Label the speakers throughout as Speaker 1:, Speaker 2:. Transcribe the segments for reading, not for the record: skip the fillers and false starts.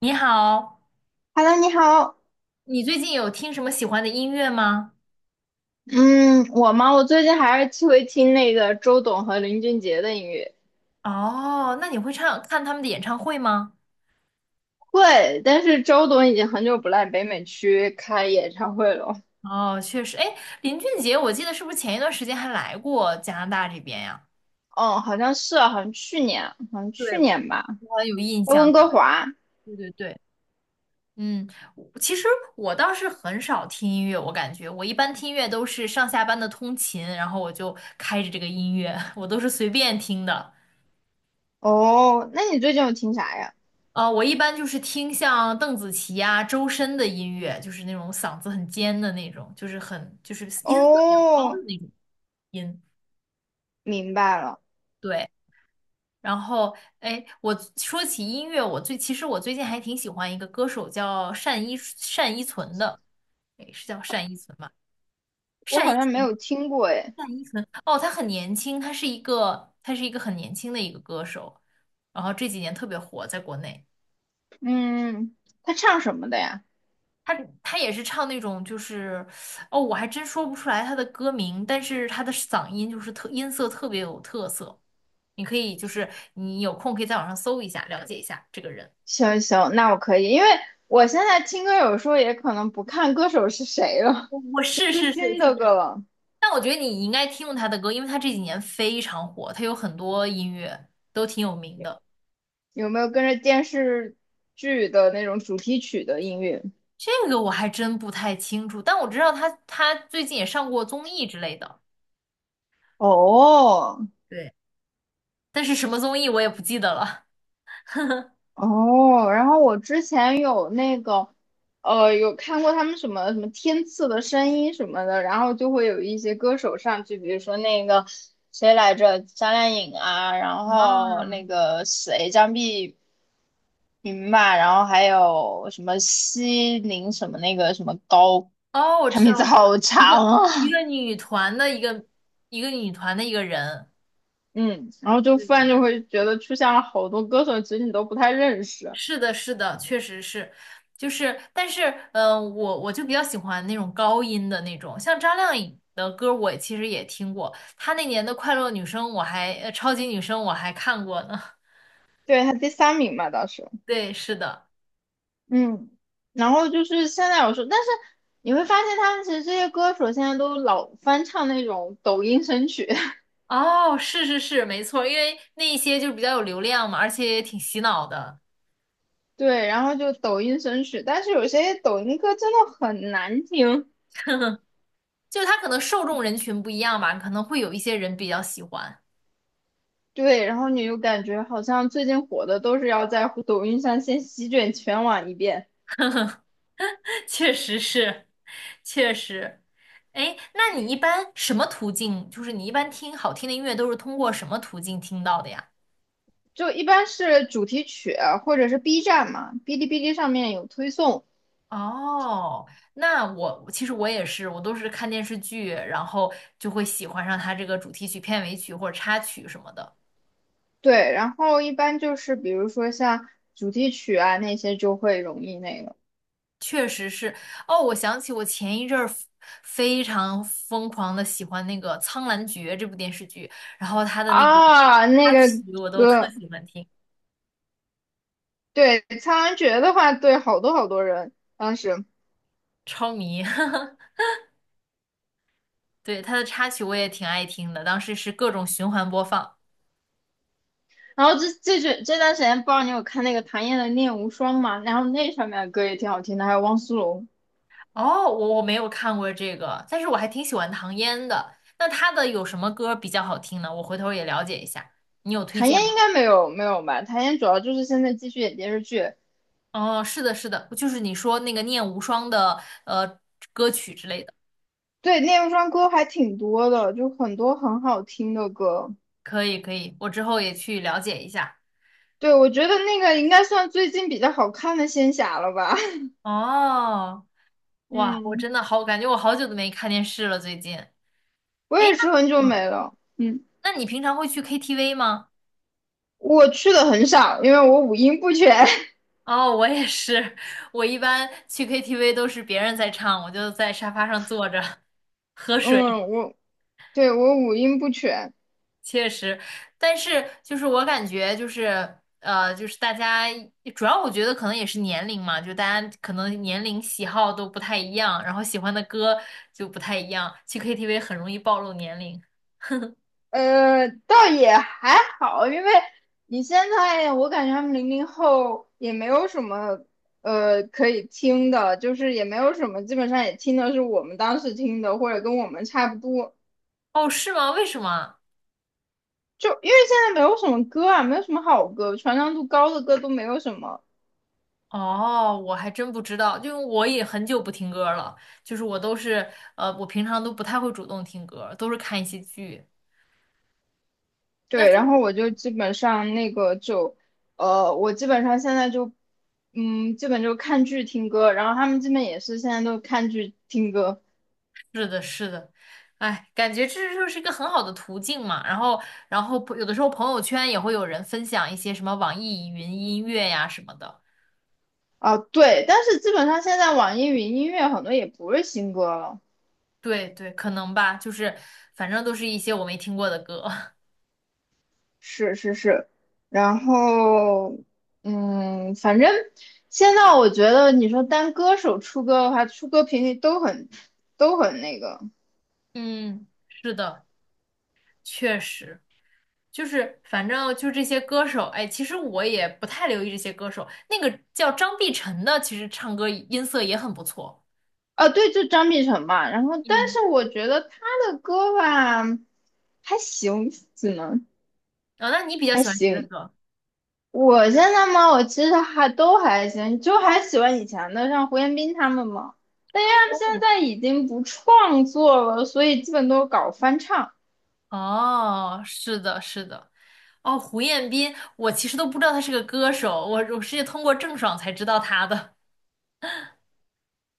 Speaker 1: 你好，
Speaker 2: Hello，你好。
Speaker 1: 你最近有听什么喜欢的音乐吗？
Speaker 2: 嗯，我吗？我最近还是会听那个周董和林俊杰的音乐。
Speaker 1: 哦，那你会唱，看他们的演唱会吗？
Speaker 2: 会。但是周董已经很久不来北美区开演唱会了。
Speaker 1: 哦，确实，哎，林俊杰，我记得是不是前一段时间还来过加拿大这边呀？
Speaker 2: 哦，好像是啊，好像去年，好像
Speaker 1: 对，
Speaker 2: 去年吧。
Speaker 1: 我有印
Speaker 2: 在
Speaker 1: 象。
Speaker 2: 温哥华。
Speaker 1: 对对对，嗯，我其实我倒是很少听音乐，我感觉我一般听音乐都是上下班的通勤，然后我就开着这个音乐，我都是随便听的。
Speaker 2: 哦，那你最近有听啥呀？
Speaker 1: 我一般就是听像邓紫棋啊、周深的音乐，就是那种嗓子很尖的那种，就是很就是音色比较高的
Speaker 2: 哦，
Speaker 1: 那种音。
Speaker 2: 明白了。
Speaker 1: 对，然后哎，我说起音乐，其实我最近还挺喜欢一个歌手叫单依纯的，哎，是叫单依纯吗？
Speaker 2: 我
Speaker 1: 单依
Speaker 2: 好像没
Speaker 1: 纯，
Speaker 2: 有听过诶。
Speaker 1: 单依纯，哦，她很年轻，她是一个很年轻的一个歌手，然后这几年特别火，在国内。
Speaker 2: 嗯，他唱什么的呀？
Speaker 1: 他他也是唱那种就是，哦，我还真说不出来他的歌名，但是他的嗓音就是音色特别有特色，你可以就是你有空可以在网上搜一下，了解一下这个人。
Speaker 2: 行行，那我可以，因为我现在听歌有时候也可能不看歌手是谁了，
Speaker 1: 我 是
Speaker 2: 最
Speaker 1: 是是
Speaker 2: 新
Speaker 1: 是
Speaker 2: 的
Speaker 1: 这样，
Speaker 2: 歌了。
Speaker 1: 但我觉得你应该听过他的歌，因为他这几年非常火，他有很多音乐都挺有名的。
Speaker 2: 有没有跟着电视剧的那种主题曲的音乐？
Speaker 1: 这个我还真不太清楚，但我知道他最近也上过综艺之类的，
Speaker 2: 哦，
Speaker 1: 对，但是什么综艺我也不记得了。
Speaker 2: 哦，然后我之前有那个，有看过他们什么什么天赐的声音什么的，然后就会有一些歌手上去，比如说那个谁来着，张靓颖啊，然
Speaker 1: 啊，
Speaker 2: 后那个谁张碧云吧，然后还有什么西宁什么那个什么高，
Speaker 1: 哦，我
Speaker 2: 他
Speaker 1: 知
Speaker 2: 名
Speaker 1: 道，
Speaker 2: 字
Speaker 1: 我知道，
Speaker 2: 好
Speaker 1: 一个
Speaker 2: 长
Speaker 1: 一
Speaker 2: 啊。
Speaker 1: 个女团的一个一个女团的一个人，
Speaker 2: 嗯，然后就
Speaker 1: 对
Speaker 2: 突然
Speaker 1: 对，
Speaker 2: 就会觉得出现了好多歌手，其实你都不太认识。
Speaker 1: 是的，是的，确实是，就是，但是，我就比较喜欢那种高音的那种，像张靓颖的歌，我其实也听过，她那年的《快乐女声》，超级女声》我还看过呢。
Speaker 2: 对，他第三名嘛，当时。
Speaker 1: 对，是的，
Speaker 2: 嗯，然后就是现在有时候，但是你会发现他们其实这些歌手现在都老翻唱那种抖音神曲。
Speaker 1: 哦，是是是，没错，因为那一些就是比较有流量嘛，而且也挺洗脑的，
Speaker 2: 对，然后就抖音神曲，但是有些抖音歌真的很难听。
Speaker 1: 就它可能受众人群不一样吧，可能会有一些人比较喜欢，
Speaker 2: 对，然后你又感觉好像最近火的都是要在抖音上先席卷全网一遍。
Speaker 1: 确实是。确实。哎，那你一般什么途径？就是你一般听好听的音乐都是通过什么途径听到的呀？
Speaker 2: 就一般是主题曲啊或者是 B 站嘛，哔哩哔哩上面有推送。
Speaker 1: 哦，那我其实我也是，我都是看电视剧，然后就会喜欢上它这个主题曲、片尾曲或者插曲什么的。
Speaker 2: 对，然后一般就是比如说像主题曲啊那些就会容易那个
Speaker 1: 确实是。哦，我想起我前一阵儿非常疯狂的喜欢那个《苍兰诀》这部电视剧，然后它的那个
Speaker 2: 啊那
Speaker 1: 插
Speaker 2: 个
Speaker 1: 曲我都特
Speaker 2: 歌。
Speaker 1: 喜欢听，
Speaker 2: 对，《苍兰诀》的话，对好多好多人当时。
Speaker 1: 超迷。对，他的插曲我也挺爱听的，当时是各种循环播放。
Speaker 2: 然后这段时间不知道你有看那个谭燕的《念无双》吗？然后那上面的歌也挺好听的，还有汪苏泷。
Speaker 1: 哦，我没有看过这个，但是我还挺喜欢唐嫣的。那她的有什么歌比较好听呢？我回头也了解一下，你有推
Speaker 2: 谭
Speaker 1: 荐
Speaker 2: 燕应
Speaker 1: 吗？
Speaker 2: 该没有吧？谭燕主要就是现在继续演电视剧。
Speaker 1: 哦，是的，是的，就是你说那个《念无双》的歌曲之类的，
Speaker 2: 对，《念无双》歌还挺多的，就很多很好听的歌。
Speaker 1: 可以可以，我之后也去了解一下。
Speaker 2: 对，我觉得那个应该算最近比较好看的仙侠了吧。
Speaker 1: 哦，哇，我
Speaker 2: 嗯，
Speaker 1: 真的好，感觉我好久都没看电视了，最近。
Speaker 2: 我
Speaker 1: 哎，
Speaker 2: 也是很久
Speaker 1: 那嗯，
Speaker 2: 没了。嗯，
Speaker 1: 那你平常会去 KTV 吗？
Speaker 2: 我去的很少，因为我五音不全。
Speaker 1: 哦，我也是，我一般去 KTV 都是别人在唱，我就在沙发上坐着喝 水，
Speaker 2: 嗯，我对我五音不全。
Speaker 1: 确实。但是就是我感觉就是就是大家主要我觉得可能也是年龄嘛，就大家可能年龄喜好都不太一样，然后喜欢的歌就不太一样，去 KTV 很容易暴露年龄。
Speaker 2: 倒也还好，因为你现在我感觉他们零零后也没有什么可以听的，就是也没有什么，基本上也听的是我们当时听的，或者跟我们差不多。
Speaker 1: 哦，是吗？为什么？
Speaker 2: 就因为现在没有什么歌啊，没有什么好歌，传唱度高的歌都没有什么。
Speaker 1: 哦，我还真不知道，因为我也很久不听歌了，就是我平常都不太会主动听歌，都是看一些剧。那
Speaker 2: 对，
Speaker 1: 就
Speaker 2: 然后我就基本上那个就，我基本上现在就，嗯，基本就看剧听歌，然后他们基本也是现在都看剧听歌。
Speaker 1: 是的，是的，哎，感觉这就是一个很好的途径嘛。然后，有的时候朋友圈也会有人分享一些什么网易云音乐呀什么的。
Speaker 2: 啊，对，但是基本上现在网易云音乐很多也不是新歌了。
Speaker 1: 对对，可能吧，就是反正都是一些我没听过的歌。
Speaker 2: 是是是，然后，嗯，反正现在我觉得你说单歌手出歌的话，出歌频率都很那个。
Speaker 1: 嗯，是的，确实。就是反正就这些歌手，哎，其实我也不太留意这些歌手。那个叫张碧晨的，其实唱歌音色也很不错。
Speaker 2: 啊，对，就张碧晨嘛。然后，但
Speaker 1: 嗯，
Speaker 2: 是我觉得他的歌吧，还行，只能
Speaker 1: 啊、那你比较
Speaker 2: 还
Speaker 1: 喜欢谁的
Speaker 2: 行。
Speaker 1: 歌？
Speaker 2: 我现在嘛，我其实还都还行，就还喜欢以前的，像胡彦斌他们嘛。但因为他们现
Speaker 1: 哦，
Speaker 2: 在已经不创作了，所以基本都是搞翻唱。
Speaker 1: 哦，是的，是的，哦，胡彦斌，我其实都不知道他是个歌手，我是通过郑爽才知道他的。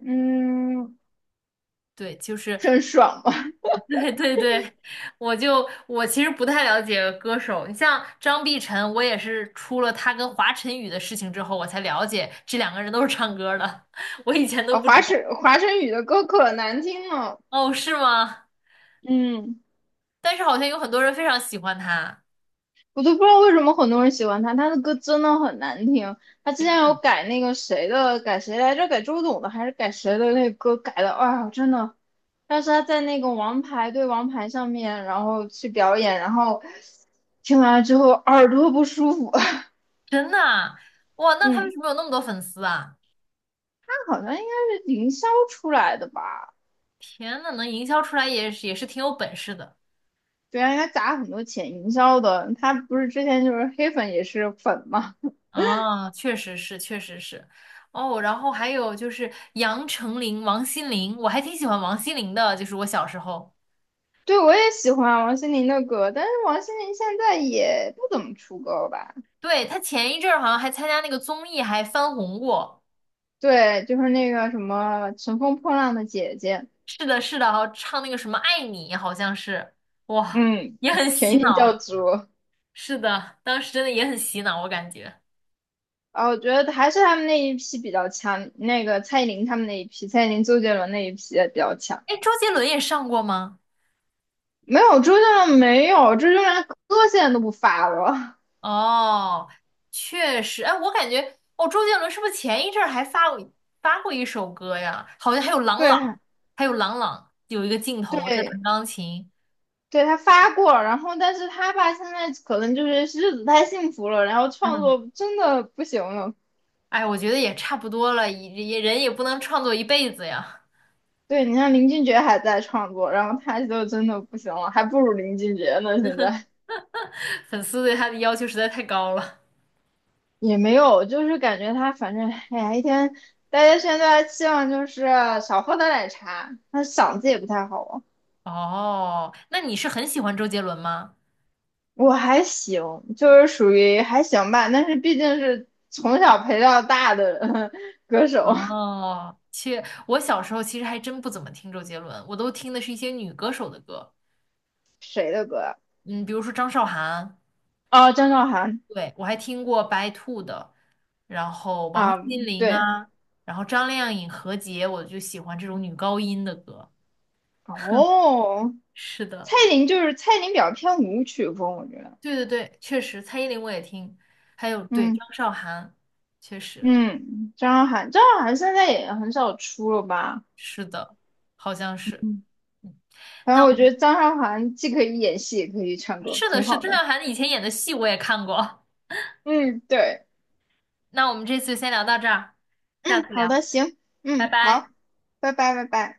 Speaker 2: 嗯，
Speaker 1: 对，就是
Speaker 2: 真爽嘛！
Speaker 1: 对对对，我其实不太了解歌手，你像张碧晨，我也是出了他跟华晨宇的事情之后，我才了解这两个人都是唱歌的，我以前都
Speaker 2: 啊，
Speaker 1: 不知道。
Speaker 2: 华晨宇的歌可难听了。
Speaker 1: 哦，是吗？
Speaker 2: 嗯。
Speaker 1: 但是好像有很多人非常喜欢他，
Speaker 2: 我都不知道为什么很多人喜欢他，他的歌真的很难听。他之
Speaker 1: 天呐，
Speaker 2: 前有改那个谁的，改谁来着？改周董的还是改谁的那个歌改的？哎呀，真的。但是他在那个王牌对王牌上面，然后去表演，然后听完了之后耳朵不舒服。
Speaker 1: 真的啊，哇，那他为
Speaker 2: 嗯，
Speaker 1: 什么有那么多粉丝啊？
Speaker 2: 他好像应该是营销出来的吧？
Speaker 1: 天呐，能营销出来也是挺有本事的
Speaker 2: 对啊，应该砸很多钱营销的。他不是之前就是黑粉也是粉嘛？
Speaker 1: 啊，确实是，确实是。哦，然后还有就是杨丞琳、王心凌，我还挺喜欢王心凌的，就是我小时候。
Speaker 2: 对，我也喜欢王心凌的歌，但是王心凌现在也不怎么出歌了吧？
Speaker 1: 对，他前一阵儿好像还参加那个综艺，还翻红过。
Speaker 2: 对，就是那个什么《乘风破浪的姐姐》。
Speaker 1: 是的，是的，好像唱那个什么《爱你》，好像是，哇，
Speaker 2: 嗯，
Speaker 1: 也很洗
Speaker 2: 甜心教
Speaker 1: 脑。
Speaker 2: 主。
Speaker 1: 是的，当时真的也很洗脑，我感觉。
Speaker 2: 啊，我觉得还是他们那一批比较强，那个蔡依林他们那一批，蔡依林、周杰伦那一批也比较强。
Speaker 1: 哎，周杰伦也上过吗？
Speaker 2: 没有周杰伦，没有周杰伦，歌现在都不发了。
Speaker 1: 哦，确实，哎，我感觉，哦，周杰伦是不是前一阵儿还发过一首歌呀？好像还有 郎
Speaker 2: 对
Speaker 1: 朗，有一个镜头在
Speaker 2: 对
Speaker 1: 弹钢琴。
Speaker 2: 对，他发过，然后但是他吧现在可能就是日子太幸福了，然后创
Speaker 1: 嗯，
Speaker 2: 作真的不行了。
Speaker 1: 哎，我觉得也差不多了，也人也不能创作一辈子呀。
Speaker 2: 对你像林俊杰还在创作，然后他就真的不行了，还不如林俊杰呢现在。
Speaker 1: 粉丝对他的要求实在太高了。
Speaker 2: 也没有，就是感觉他反正，哎呀，一天大家现在期望就是少喝点奶茶，他嗓子也不太好啊。
Speaker 1: 哦，那你是很喜欢周杰伦吗？
Speaker 2: 我还行，就是属于还行吧，但是毕竟是从小陪到大的 歌手。
Speaker 1: 哦，切，我小时候其实还真不怎么听周杰伦，我都听的是一些女歌手的歌，
Speaker 2: 谁的歌啊？
Speaker 1: 嗯，比如说张韶涵，
Speaker 2: 哦，张韶涵
Speaker 1: 对，我还听过白兔的、
Speaker 2: 啊，
Speaker 1: 心灵
Speaker 2: 对，
Speaker 1: 啊，然后张靓颖、何洁，我就喜欢这种女高音的歌。
Speaker 2: 哦，
Speaker 1: 是的，
Speaker 2: 蔡琳就是蔡琳比较偏舞曲风，我觉得。
Speaker 1: 对对对，确实，蔡依林我也听，还有对
Speaker 2: 嗯
Speaker 1: 张韶涵，确实
Speaker 2: 嗯，张韶涵，张韶涵现在也很少出了吧？
Speaker 1: 是的，好像是。嗯，
Speaker 2: 反
Speaker 1: 那
Speaker 2: 正我觉得张韶涵既可以演戏，也可以唱歌，
Speaker 1: 是的，
Speaker 2: 挺
Speaker 1: 是的
Speaker 2: 好
Speaker 1: 郑
Speaker 2: 的。
Speaker 1: 韶涵以前演的戏我也看过。
Speaker 2: 嗯，对，
Speaker 1: 那我们这次先聊到这儿，下
Speaker 2: 嗯，
Speaker 1: 次
Speaker 2: 好
Speaker 1: 聊，
Speaker 2: 的，行，
Speaker 1: 拜
Speaker 2: 嗯，
Speaker 1: 拜。
Speaker 2: 好，拜拜，拜拜。